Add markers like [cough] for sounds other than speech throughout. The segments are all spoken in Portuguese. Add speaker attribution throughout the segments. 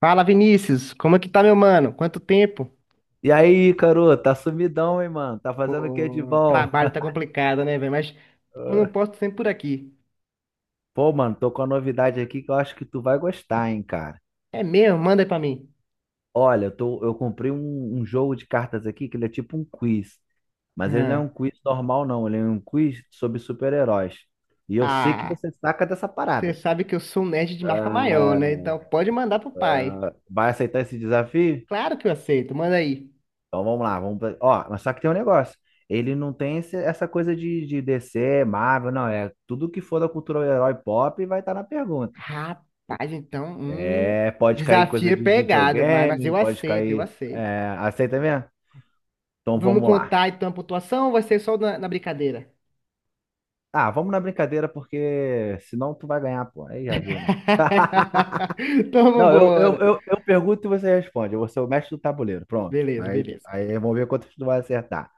Speaker 1: Fala, Vinícius, como é que tá, meu mano? Quanto tempo?
Speaker 2: E aí, Caru, tá sumidão, hein, mano? Tá
Speaker 1: Pô,
Speaker 2: fazendo o que de
Speaker 1: o
Speaker 2: bom?
Speaker 1: trabalho tá complicado, né, velho? Mas quando eu posto sempre por aqui.
Speaker 2: Pô, mano, tô com uma novidade aqui que eu acho que tu vai gostar, hein, cara.
Speaker 1: É mesmo? Manda aí pra mim.
Speaker 2: Olha, eu comprei um jogo de cartas aqui que ele é tipo um quiz. Mas ele não é um
Speaker 1: Hã.
Speaker 2: quiz normal, não. Ele é um quiz sobre super-heróis. E eu sei que
Speaker 1: Ah,
Speaker 2: você saca dessa
Speaker 1: você
Speaker 2: parada.
Speaker 1: sabe que eu sou um nerd de marca maior,
Speaker 2: Ah,
Speaker 1: né? Então pode mandar pro pai.
Speaker 2: vai aceitar esse desafio?
Speaker 1: Claro que eu aceito, manda aí.
Speaker 2: Então vamos lá. Ó, mas só que tem um negócio. Ele não tem essa coisa de DC, Marvel, não. É tudo que for da cultura herói pop vai estar na pergunta.
Speaker 1: Rapaz, então,
Speaker 2: É, pode cair
Speaker 1: desafio
Speaker 2: coisa
Speaker 1: é
Speaker 2: de
Speaker 1: pegado, mas
Speaker 2: videogame,
Speaker 1: eu
Speaker 2: pode
Speaker 1: aceito, eu
Speaker 2: cair.
Speaker 1: aceito.
Speaker 2: É, aceita mesmo? Então
Speaker 1: Vamos
Speaker 2: vamos lá.
Speaker 1: contar então a pontuação ou vai ser só na brincadeira?
Speaker 2: Ah, vamos na brincadeira, porque senão tu vai ganhar, pô. Aí já viu, né?
Speaker 1: [laughs] Então
Speaker 2: Não, eu, eu,
Speaker 1: vambora.
Speaker 2: eu, eu pergunto e você responde. Eu vou ser o mestre do tabuleiro. Pronto.
Speaker 1: Beleza,
Speaker 2: Aí,
Speaker 1: beleza.
Speaker 2: aí vamos ver quantas tu vai acertar.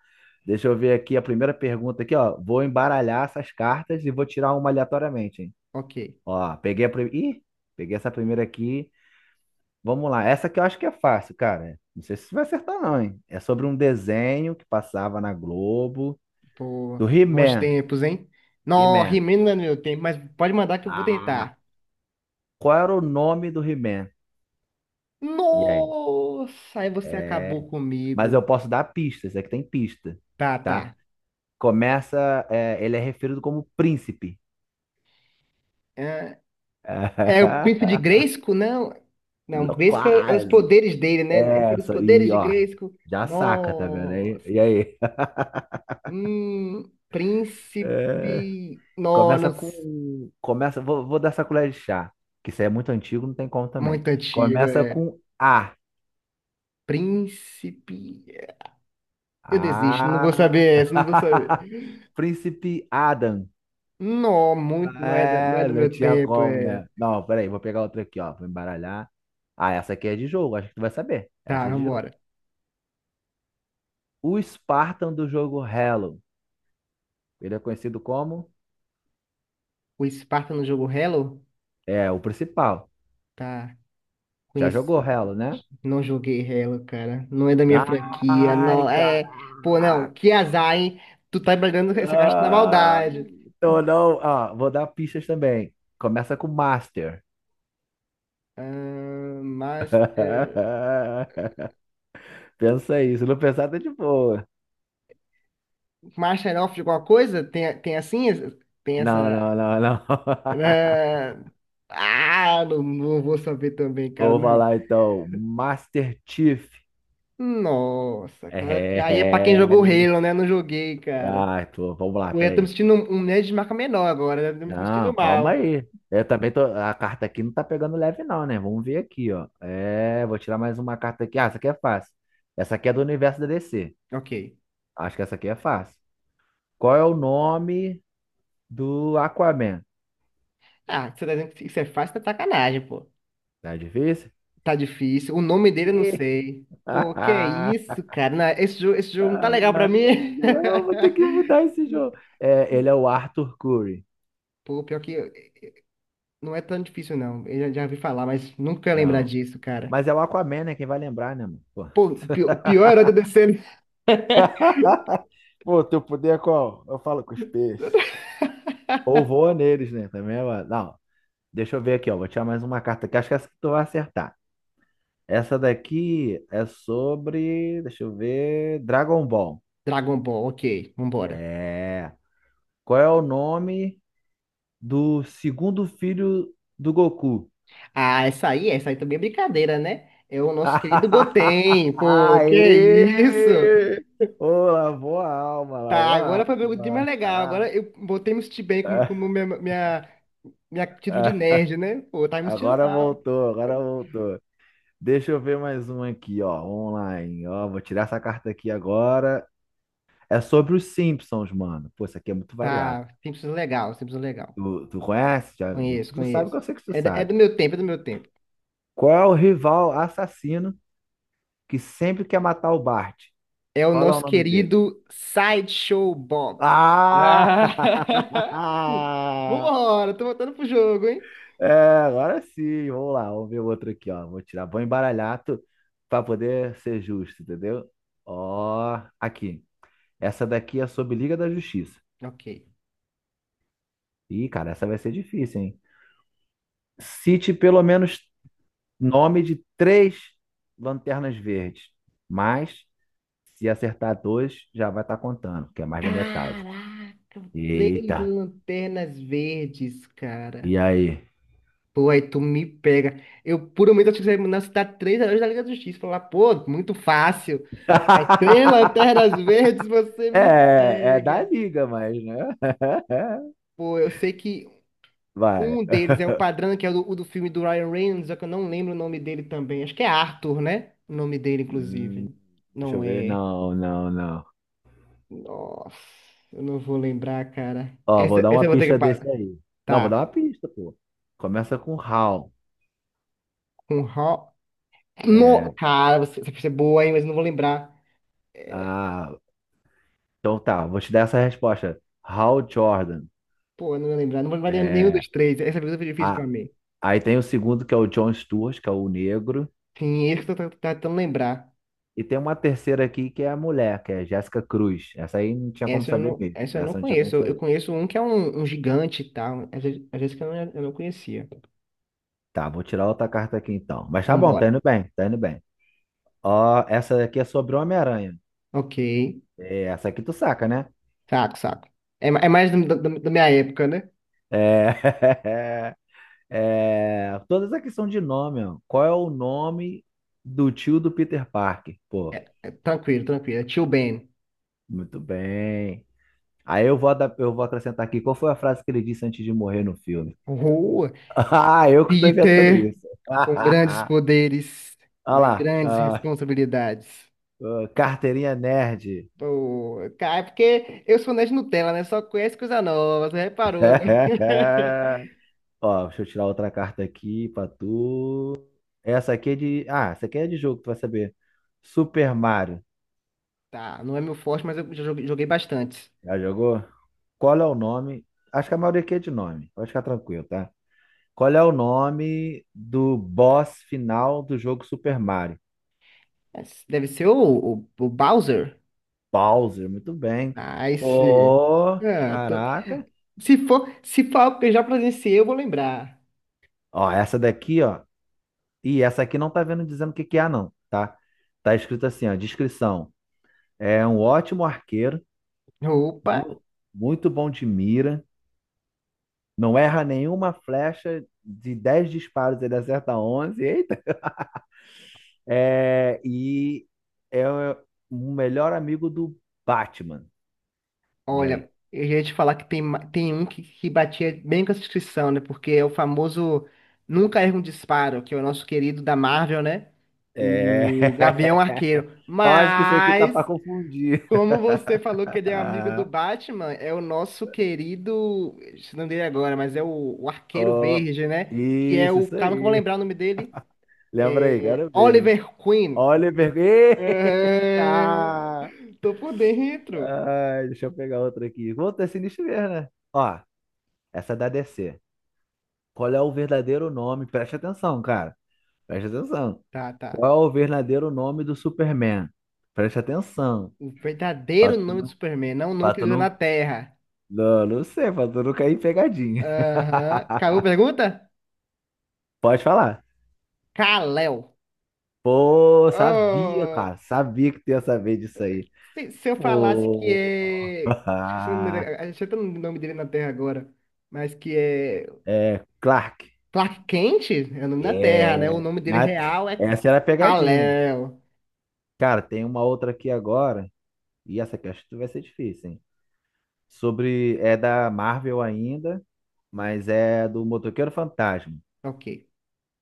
Speaker 2: Deixa eu ver aqui a primeira pergunta aqui, ó. Vou embaralhar essas cartas e vou tirar uma aleatoriamente, hein?
Speaker 1: Ok.
Speaker 2: Ó, peguei a primeira. Ih, peguei essa primeira aqui. Vamos lá, essa que eu acho que é fácil, cara. Não sei se você vai acertar, não, hein? É sobre um desenho que passava na Globo
Speaker 1: Pô,
Speaker 2: do
Speaker 1: bons
Speaker 2: He-Man.
Speaker 1: tempos, hein? Não,
Speaker 2: He-Man.
Speaker 1: He-Man não é no meu tempo, mas pode mandar que eu vou
Speaker 2: Ah,
Speaker 1: tentar.
Speaker 2: qual era o nome do He-Man? E aí?
Speaker 1: Nossa, aí você acabou
Speaker 2: É... Mas eu
Speaker 1: comigo.
Speaker 2: posso dar pistas, é que tem pista,
Speaker 1: Tá, tá.
Speaker 2: tá? Começa, ele é referido como príncipe.
Speaker 1: É, é o príncipe de
Speaker 2: [laughs]
Speaker 1: Grayskull? Não. Não, Grayskull é os
Speaker 2: Quase.
Speaker 1: poderes dele, né? É pelos
Speaker 2: Essa,
Speaker 1: poderes
Speaker 2: e
Speaker 1: de
Speaker 2: ó,
Speaker 1: Grayskull.
Speaker 2: já saca, tá vendo aí?
Speaker 1: Nossa.
Speaker 2: E aí? [laughs]
Speaker 1: Príncipe. Não,
Speaker 2: Começa
Speaker 1: não
Speaker 2: com. Começa. Vou dar essa colher de chá. Que isso aí é muito antigo, não tem como também.
Speaker 1: Muito antigo,
Speaker 2: Começa
Speaker 1: é.
Speaker 2: com A.
Speaker 1: Príncipe. Eu desisto, não vou saber
Speaker 2: A.
Speaker 1: essa, não vou saber.
Speaker 2: [laughs] Príncipe Adam.
Speaker 1: Não, muito, não é, não é
Speaker 2: É,
Speaker 1: do
Speaker 2: não
Speaker 1: meu
Speaker 2: tinha
Speaker 1: tempo,
Speaker 2: como, né? Não, peraí, vou pegar outra aqui, ó. Vou embaralhar. Ah, essa aqui é de jogo, acho que tu vai saber.
Speaker 1: Tá,
Speaker 2: Essa é de jogo.
Speaker 1: vambora.
Speaker 2: O Spartan do jogo Halo. Ele é conhecido como?
Speaker 1: O Sparta no jogo Halo?
Speaker 2: É, o principal.
Speaker 1: Tá,
Speaker 2: Já jogou
Speaker 1: conhecido.
Speaker 2: Halo, né?
Speaker 1: Não joguei Halo, cara. Não é da minha franquia,
Speaker 2: Ai,
Speaker 1: não, Pô, não,
Speaker 2: caraca.
Speaker 1: que azar, hein? Tu tá brigando essa caixa na
Speaker 2: Ah,
Speaker 1: maldade.
Speaker 2: então não. Ah, vou dar pistas também. Começa com Master.
Speaker 1: Ah, mas,
Speaker 2: [laughs] Pensa aí. Se não pensar, tá de boa.
Speaker 1: Master of alguma coisa? Tem assim? Tem essa...
Speaker 2: Não, não, não, não. [laughs]
Speaker 1: Ah, ah, não, não vou saber também, cara,
Speaker 2: Vou
Speaker 1: não.
Speaker 2: falar então. Master Chief.
Speaker 1: Nossa, cara, aí é pra quem
Speaker 2: É.
Speaker 1: jogou Halo, né? Não joguei, cara.
Speaker 2: Ah, vamos lá,
Speaker 1: Eu já tô me
Speaker 2: peraí.
Speaker 1: sentindo um nerd de marca menor agora, já tô me sentindo
Speaker 2: Não, calma
Speaker 1: mal.
Speaker 2: aí. Eu também tô. A carta aqui não tá pegando leve, não, né? Vamos ver aqui, ó. É, vou tirar mais uma carta aqui. Ah, essa aqui é fácil. Essa aqui é do universo da DC.
Speaker 1: Ok.
Speaker 2: Acho que essa aqui é fácil. Qual é o nome do Aquaman?
Speaker 1: Ah, você tá dizendo que isso é fácil, tá de sacanagem, pô.
Speaker 2: Tá difícil?
Speaker 1: Tá difícil. O nome dele eu não
Speaker 2: Que...
Speaker 1: sei. Pô, que é
Speaker 2: [laughs]
Speaker 1: isso, cara? Não, esse jogo não tá legal pra mim.
Speaker 2: Não, vou ter que mudar esse
Speaker 1: [laughs]
Speaker 2: jogo. É, ele é o Arthur Curry.
Speaker 1: Pô, pior que não é tão difícil, não. Eu já ouvi falar, mas nunca ia lembrar
Speaker 2: Não.
Speaker 1: disso, cara.
Speaker 2: Mas é o Aquaman, né? Quem vai lembrar, né, mano? Pô,
Speaker 1: Pô,
Speaker 2: [laughs]
Speaker 1: o pior era da DC.
Speaker 2: Pô, teu poder é qual? Eu falo com os peixes. Ou voa neles, né? Também é. Não, deixa eu ver aqui, ó. Vou tirar mais uma carta aqui. Acho que é essa que tu vai acertar. Essa daqui é sobre. Deixa eu ver. Dragon Ball.
Speaker 1: Dragon Ball, ok, vambora.
Speaker 2: É. Qual é o nome do segundo filho do Goku?
Speaker 1: Ah, essa aí também é brincadeira, né? É o nosso querido
Speaker 2: [laughs]
Speaker 1: Goten, pô, que é isso?
Speaker 2: Aê! Ô, lavou a alma,
Speaker 1: Tá,
Speaker 2: lavou a
Speaker 1: agora foi bem mais legal.
Speaker 2: alma.
Speaker 1: Agora eu botei me sentir bem como minha título de
Speaker 2: [laughs]
Speaker 1: nerd, né? Pô, tá me sentindo
Speaker 2: Agora
Speaker 1: mal.
Speaker 2: voltou, agora voltou. Deixa eu ver mais um aqui, ó, online. Ó, vou tirar essa carta aqui agora. É sobre os Simpsons, mano. Pô, isso aqui é muito variado.
Speaker 1: Tá, Simpsons legal, Simpsons legal.
Speaker 2: Tu conhece? Já, já-
Speaker 1: Conheço,
Speaker 2: tu sabe
Speaker 1: conheço.
Speaker 2: que eu sei que tu
Speaker 1: É, é
Speaker 2: sabe.
Speaker 1: do meu tempo, é do meu tempo.
Speaker 2: Qual é o rival assassino que sempre quer matar o Bart?
Speaker 1: É o
Speaker 2: Qual é o
Speaker 1: nosso
Speaker 2: nome dele?
Speaker 1: querido Sideshow Bob.
Speaker 2: Ah!
Speaker 1: Ah. [laughs]
Speaker 2: [laughs]
Speaker 1: Vambora, tô voltando pro jogo, hein?
Speaker 2: É, agora sim, vamos lá, vamos ver o outro aqui, ó. Vou embaralhar para poder ser justo, entendeu? Ó, aqui. Essa daqui é sobre Liga da Justiça.
Speaker 1: Ok.
Speaker 2: Ih, cara, essa vai ser difícil, hein? Cite pelo menos nome de três lanternas verdes, mas se acertar dois, já vai estar contando, que é mais da metade.
Speaker 1: Caraca, três
Speaker 2: Eita,
Speaker 1: lanternas verdes, cara.
Speaker 2: e aí?
Speaker 1: Pô, aí tu me pega. Eu, por um momento, acho que você me citar três heróis da Liga da Justiça. Falar, pô, muito fácil. Aí, três
Speaker 2: [laughs]
Speaker 1: lanternas verdes, você me
Speaker 2: É da
Speaker 1: pega.
Speaker 2: Liga, mas, né?
Speaker 1: Pô, eu sei que
Speaker 2: [laughs] Vai.
Speaker 1: um deles é o Padrão, que é o do filme do Ryan Reynolds, só que eu não lembro o nome dele também. Acho que é Arthur, né? O nome dele, inclusive.
Speaker 2: Deixa
Speaker 1: Não
Speaker 2: eu ver.
Speaker 1: é.
Speaker 2: Não, não, não.
Speaker 1: Nossa, eu não vou lembrar, cara.
Speaker 2: Ó, vou
Speaker 1: Essa,
Speaker 2: dar
Speaker 1: essa
Speaker 2: uma
Speaker 1: eu vou ter que.
Speaker 2: pista desse
Speaker 1: pa-
Speaker 2: aí. Não, vou dar
Speaker 1: Tá.
Speaker 2: uma pista, pô. Começa com Hal.
Speaker 1: Com Ro... No...
Speaker 2: É,
Speaker 1: Cara, você, essa pista é boa, hein, mas eu não vou lembrar. É,
Speaker 2: ah, então tá, vou te dar essa resposta. Hal Jordan.
Speaker 1: pô, eu não vou lembrar. Não vou lembrar nenhum
Speaker 2: É,
Speaker 1: dos três. Essa pergunta foi difícil pra
Speaker 2: a,
Speaker 1: mim.
Speaker 2: Aí tem o segundo, que é o John Stewart, que é o negro.
Speaker 1: Sim, esse que eu tô tentando lembrar.
Speaker 2: E tem uma terceira aqui, que é a mulher, que é Jéssica Cruz. Essa aí não tinha como saber mesmo.
Speaker 1: Essa eu não
Speaker 2: Essa não tinha como
Speaker 1: conheço. Eu
Speaker 2: saber.
Speaker 1: conheço um que é um gigante e tal. Às vezes que eu não conhecia.
Speaker 2: Tá, vou tirar outra carta aqui então. Mas tá bom, tá
Speaker 1: Vambora.
Speaker 2: indo bem, tá indo bem. Ó, essa aqui é sobre o Homem-Aranha.
Speaker 1: Ok.
Speaker 2: Essa aqui tu saca, né?
Speaker 1: Saco, saco. É, é mais da minha época, né?
Speaker 2: É... [laughs] Toda essa questão de nome, ó. Qual é o nome do tio do Peter Parker? Pô,
Speaker 1: É, tranquilo, tranquilo. É Tio Ben.
Speaker 2: muito bem. Aí eu vou acrescentar aqui, qual foi a frase que ele disse antes de morrer no filme? [laughs]
Speaker 1: Rua.
Speaker 2: Ah, eu que tô inventando
Speaker 1: Peter,
Speaker 2: isso. [laughs]
Speaker 1: com grandes poderes,
Speaker 2: Olha
Speaker 1: vem
Speaker 2: lá,
Speaker 1: grandes
Speaker 2: ah,
Speaker 1: responsabilidades.
Speaker 2: ah, carteirinha nerd.
Speaker 1: Pô, cara, é porque eu sou nerd Nutella, né? Só conheço coisa nova, você reparou, né? [laughs]
Speaker 2: [laughs] Ó, deixa eu tirar outra carta aqui pra tu. Essa aqui é de. Ah, essa aqui é de jogo, tu vai saber. Super Mario.
Speaker 1: Tá, não é meu forte, mas eu já joguei bastante.
Speaker 2: Já jogou? Qual é o nome? Acho que a maioria aqui é de nome. Pode ficar tranquilo, tá? Qual é o nome do boss final do jogo Super Mario?
Speaker 1: Mas deve ser o Bowser?
Speaker 2: Bowser, muito bem.
Speaker 1: Nice.
Speaker 2: Pô,
Speaker 1: Ah.
Speaker 2: caraca.
Speaker 1: Se for algo que eu já presenciei, eu vou lembrar.
Speaker 2: Ó, essa daqui, ó. E essa aqui não tá vendo dizendo o que que é, não, tá? Tá escrito assim, ó, descrição. É um ótimo arqueiro,
Speaker 1: Opa,
Speaker 2: mu- muito bom de mira, não erra nenhuma flecha, de 10 disparos ele acerta 11. É, e é o melhor amigo do Batman. E
Speaker 1: olha,
Speaker 2: aí?
Speaker 1: eu já ia te falar que tem, tem um que batia bem com essa descrição, né? Porque é o famoso Nunca Erra um Disparo, que é o nosso querido da Marvel, né?
Speaker 2: É.
Speaker 1: O Gavião Arqueiro.
Speaker 2: [laughs] Eu acho que isso aqui tá
Speaker 1: Mas
Speaker 2: pra confundir.
Speaker 1: como você falou que ele é amigo do
Speaker 2: [laughs]
Speaker 1: Batman, é o nosso querido, esqueci o nome dele agora, mas é o Arqueiro
Speaker 2: Ó,
Speaker 1: Verde, né? Que é
Speaker 2: isso,
Speaker 1: o,
Speaker 2: isso
Speaker 1: calma que eu vou
Speaker 2: aí.
Speaker 1: lembrar o nome dele,
Speaker 2: Lembra aí, quero ver, hein?
Speaker 1: Oliver Queen.
Speaker 2: Oliver. [laughs]
Speaker 1: É...
Speaker 2: Ah,
Speaker 1: Tô por dentro.
Speaker 2: ah, deixa eu pegar outra aqui. Vou ter sinistro mesmo, né? Ó, essa é da DC. Qual é o verdadeiro nome? Preste atenção, cara. Preste atenção.
Speaker 1: Tá, tá.
Speaker 2: Qual é o verdadeiro nome do Superman? Preste atenção.
Speaker 1: O
Speaker 2: Pra
Speaker 1: verdadeiro
Speaker 2: tu
Speaker 1: nome do
Speaker 2: não,
Speaker 1: Superman, não o nome
Speaker 2: pra
Speaker 1: que
Speaker 2: tu
Speaker 1: ele usa na
Speaker 2: não,
Speaker 1: Terra.
Speaker 2: Não, não sei, pra tu não cair em pegadinha.
Speaker 1: Aham. Acabou a
Speaker 2: [laughs]
Speaker 1: pergunta?
Speaker 2: Pode falar.
Speaker 1: Kal-El.
Speaker 2: Pô, sabia,
Speaker 1: Oh,
Speaker 2: cara. Sabia que tu ia saber disso aí.
Speaker 1: se eu falasse que
Speaker 2: Pô.
Speaker 1: é. Esqueci o nome dele,
Speaker 2: [laughs]
Speaker 1: achei até o nome dele na Terra agora. Mas que é.
Speaker 2: É, Clark.
Speaker 1: Clark Kent é o nome da Terra, né? O
Speaker 2: É.
Speaker 1: nome dele
Speaker 2: Mas
Speaker 1: real é
Speaker 2: essa era a pegadinha.
Speaker 1: Kal-El.
Speaker 2: Cara, tem uma outra aqui agora. E essa aqui acho que vai ser difícil, hein? Sobre. É da Marvel ainda. Mas é do Motoqueiro Fantasma.
Speaker 1: Ok.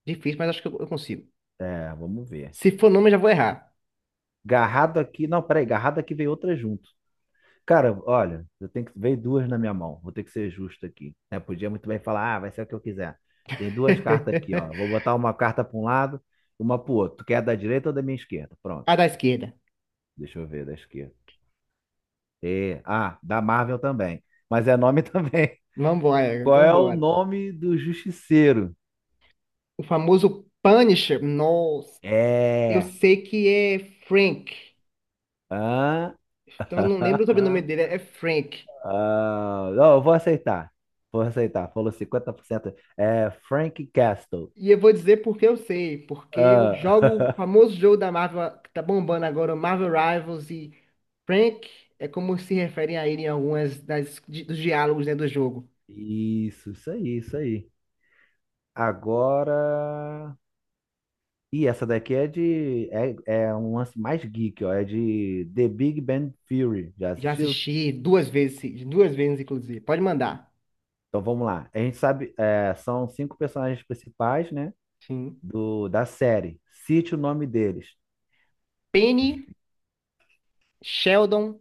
Speaker 1: Difícil, mas acho que eu consigo.
Speaker 2: É, vamos ver.
Speaker 1: Se for nome, eu já vou errar.
Speaker 2: Garrado aqui. Não, peraí, garrado aqui veio outra junto. Cara, olha, eu tenho que. Veio duas na minha mão. Vou ter que ser justo aqui, né? Podia muito bem falar, ah, vai ser o que eu quiser. Tem
Speaker 1: [laughs]
Speaker 2: duas cartas aqui, ó. Vou botar uma carta para um lado, uma pro outro. Tu quer da direita ou da minha esquerda? Pronto.
Speaker 1: A da esquerda.
Speaker 2: Deixa eu ver da esquerda. Da Marvel também. Mas é nome [laughs] também.
Speaker 1: Vambora,
Speaker 2: Qual é o
Speaker 1: vambora.
Speaker 2: nome do Justiceiro?
Speaker 1: O famoso Punisher. Nossa. Eu
Speaker 2: É.
Speaker 1: sei que é Frank.
Speaker 2: Hã?
Speaker 1: Então eu não lembro o sobrenome
Speaker 2: [laughs]
Speaker 1: dele. É Frank.
Speaker 2: Ah, não, eu vou aceitar. Vou aceitar. Falou 50%. É Frank Castle.
Speaker 1: E eu vou dizer porque eu sei. Porque eu jogo o
Speaker 2: Ah, [laughs]
Speaker 1: famoso jogo da Marvel que tá bombando agora, o Marvel Rivals. E Frank é como se referem a ele em algumas das, dos diálogos, né, do jogo.
Speaker 2: isso aí, isso aí. Agora. Ih, essa daqui é de. É um lance mais geek, ó. É de The Big Bang Theory. Já
Speaker 1: Já
Speaker 2: assistiu?
Speaker 1: assisti duas vezes, sim, duas vezes, inclusive. Pode mandar.
Speaker 2: Então vamos lá. A gente sabe, são cinco personagens principais, né?
Speaker 1: Sim.
Speaker 2: Da série. Cite o nome deles.
Speaker 1: Penny, Sheldon,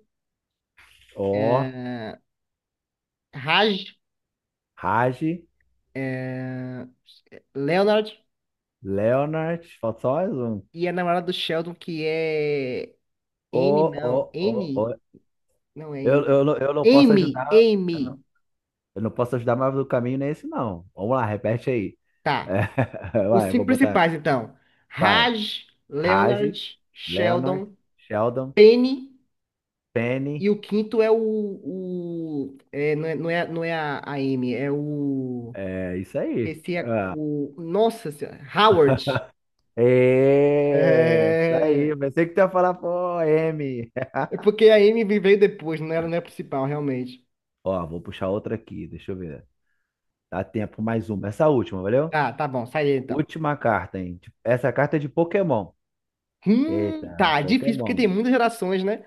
Speaker 2: O
Speaker 1: eh, Raj,
Speaker 2: Raj,
Speaker 1: eh, Leonard
Speaker 2: Leonard. Falta só mais um.
Speaker 1: e a namorada do Sheldon, que é N, não. N,
Speaker 2: O,
Speaker 1: não é N.
Speaker 2: Eu não posso
Speaker 1: Amy,
Speaker 2: ajudar. Eu não,
Speaker 1: Amy.
Speaker 2: eu não posso ajudar, mas o caminho não é esse, não. Vamos lá, repete aí. É,
Speaker 1: Tá.
Speaker 2: [laughs]
Speaker 1: Os
Speaker 2: Vai, eu vou
Speaker 1: cinco
Speaker 2: botar.
Speaker 1: principais, então.
Speaker 2: Vai.
Speaker 1: Raj,
Speaker 2: Raj,
Speaker 1: Leonard,
Speaker 2: Leonard,
Speaker 1: Sheldon,
Speaker 2: Sheldon,
Speaker 1: Penny. E
Speaker 2: Penny.
Speaker 1: o quinto é o. É, não é a Amy, é o.
Speaker 2: É isso aí.
Speaker 1: Esqueci
Speaker 2: Ah,
Speaker 1: o. Nossa senhora, Howard.
Speaker 2: é isso aí.
Speaker 1: É...
Speaker 2: Pensei que tu ia falar, pô, M.
Speaker 1: É
Speaker 2: [laughs]
Speaker 1: porque a Amy veio depois, não era, não é a principal, realmente.
Speaker 2: Ó, vou puxar outra aqui. Deixa eu ver. Dá tempo mais uma. Essa última, valeu?
Speaker 1: Tá, tá bom, sai aí então.
Speaker 2: Última carta, hein? Essa carta é de Pokémon. Eita,
Speaker 1: Tá, é difícil porque
Speaker 2: Pokémon.
Speaker 1: tem muitas gerações, né?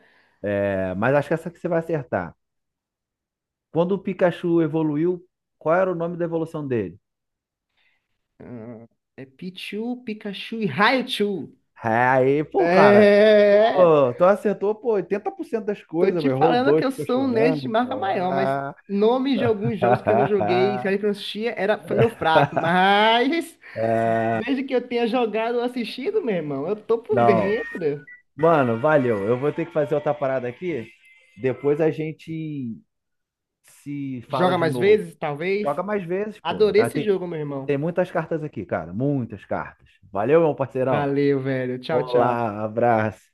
Speaker 2: É, mas acho que essa que você vai acertar. Quando o Pikachu evoluiu, qual era o nome da evolução dele?
Speaker 1: Ah, é Pichu, Pikachu e Raichu.
Speaker 2: Aí, pô, cara.
Speaker 1: É,
Speaker 2: Pô, tu acertou, pô, 80% das
Speaker 1: tô
Speaker 2: coisas, pô,
Speaker 1: te
Speaker 2: errou
Speaker 1: falando que
Speaker 2: dois,
Speaker 1: eu
Speaker 2: ficou
Speaker 1: sou um nerd de
Speaker 2: chorando, pô.
Speaker 1: marca maior, mas
Speaker 2: Ah.
Speaker 1: nome de alguns jogos que eu não joguei, série que eu não
Speaker 2: [laughs]
Speaker 1: assistia, foi meu fraco. Mas desde que eu tenha jogado ou assistido, meu irmão, eu tô por
Speaker 2: Não.
Speaker 1: dentro.
Speaker 2: Mano, valeu. Eu vou ter que fazer outra parada aqui. Depois a gente se fala
Speaker 1: Joga
Speaker 2: de
Speaker 1: mais
Speaker 2: novo.
Speaker 1: vezes, talvez?
Speaker 2: Joga mais vezes, pô,
Speaker 1: Adorei
Speaker 2: tá?
Speaker 1: esse
Speaker 2: Tem,
Speaker 1: jogo, meu
Speaker 2: tem
Speaker 1: irmão.
Speaker 2: muitas cartas aqui, cara. Muitas cartas. Valeu, meu parceirão.
Speaker 1: Valeu, velho. Tchau, tchau.
Speaker 2: Olá, abraço.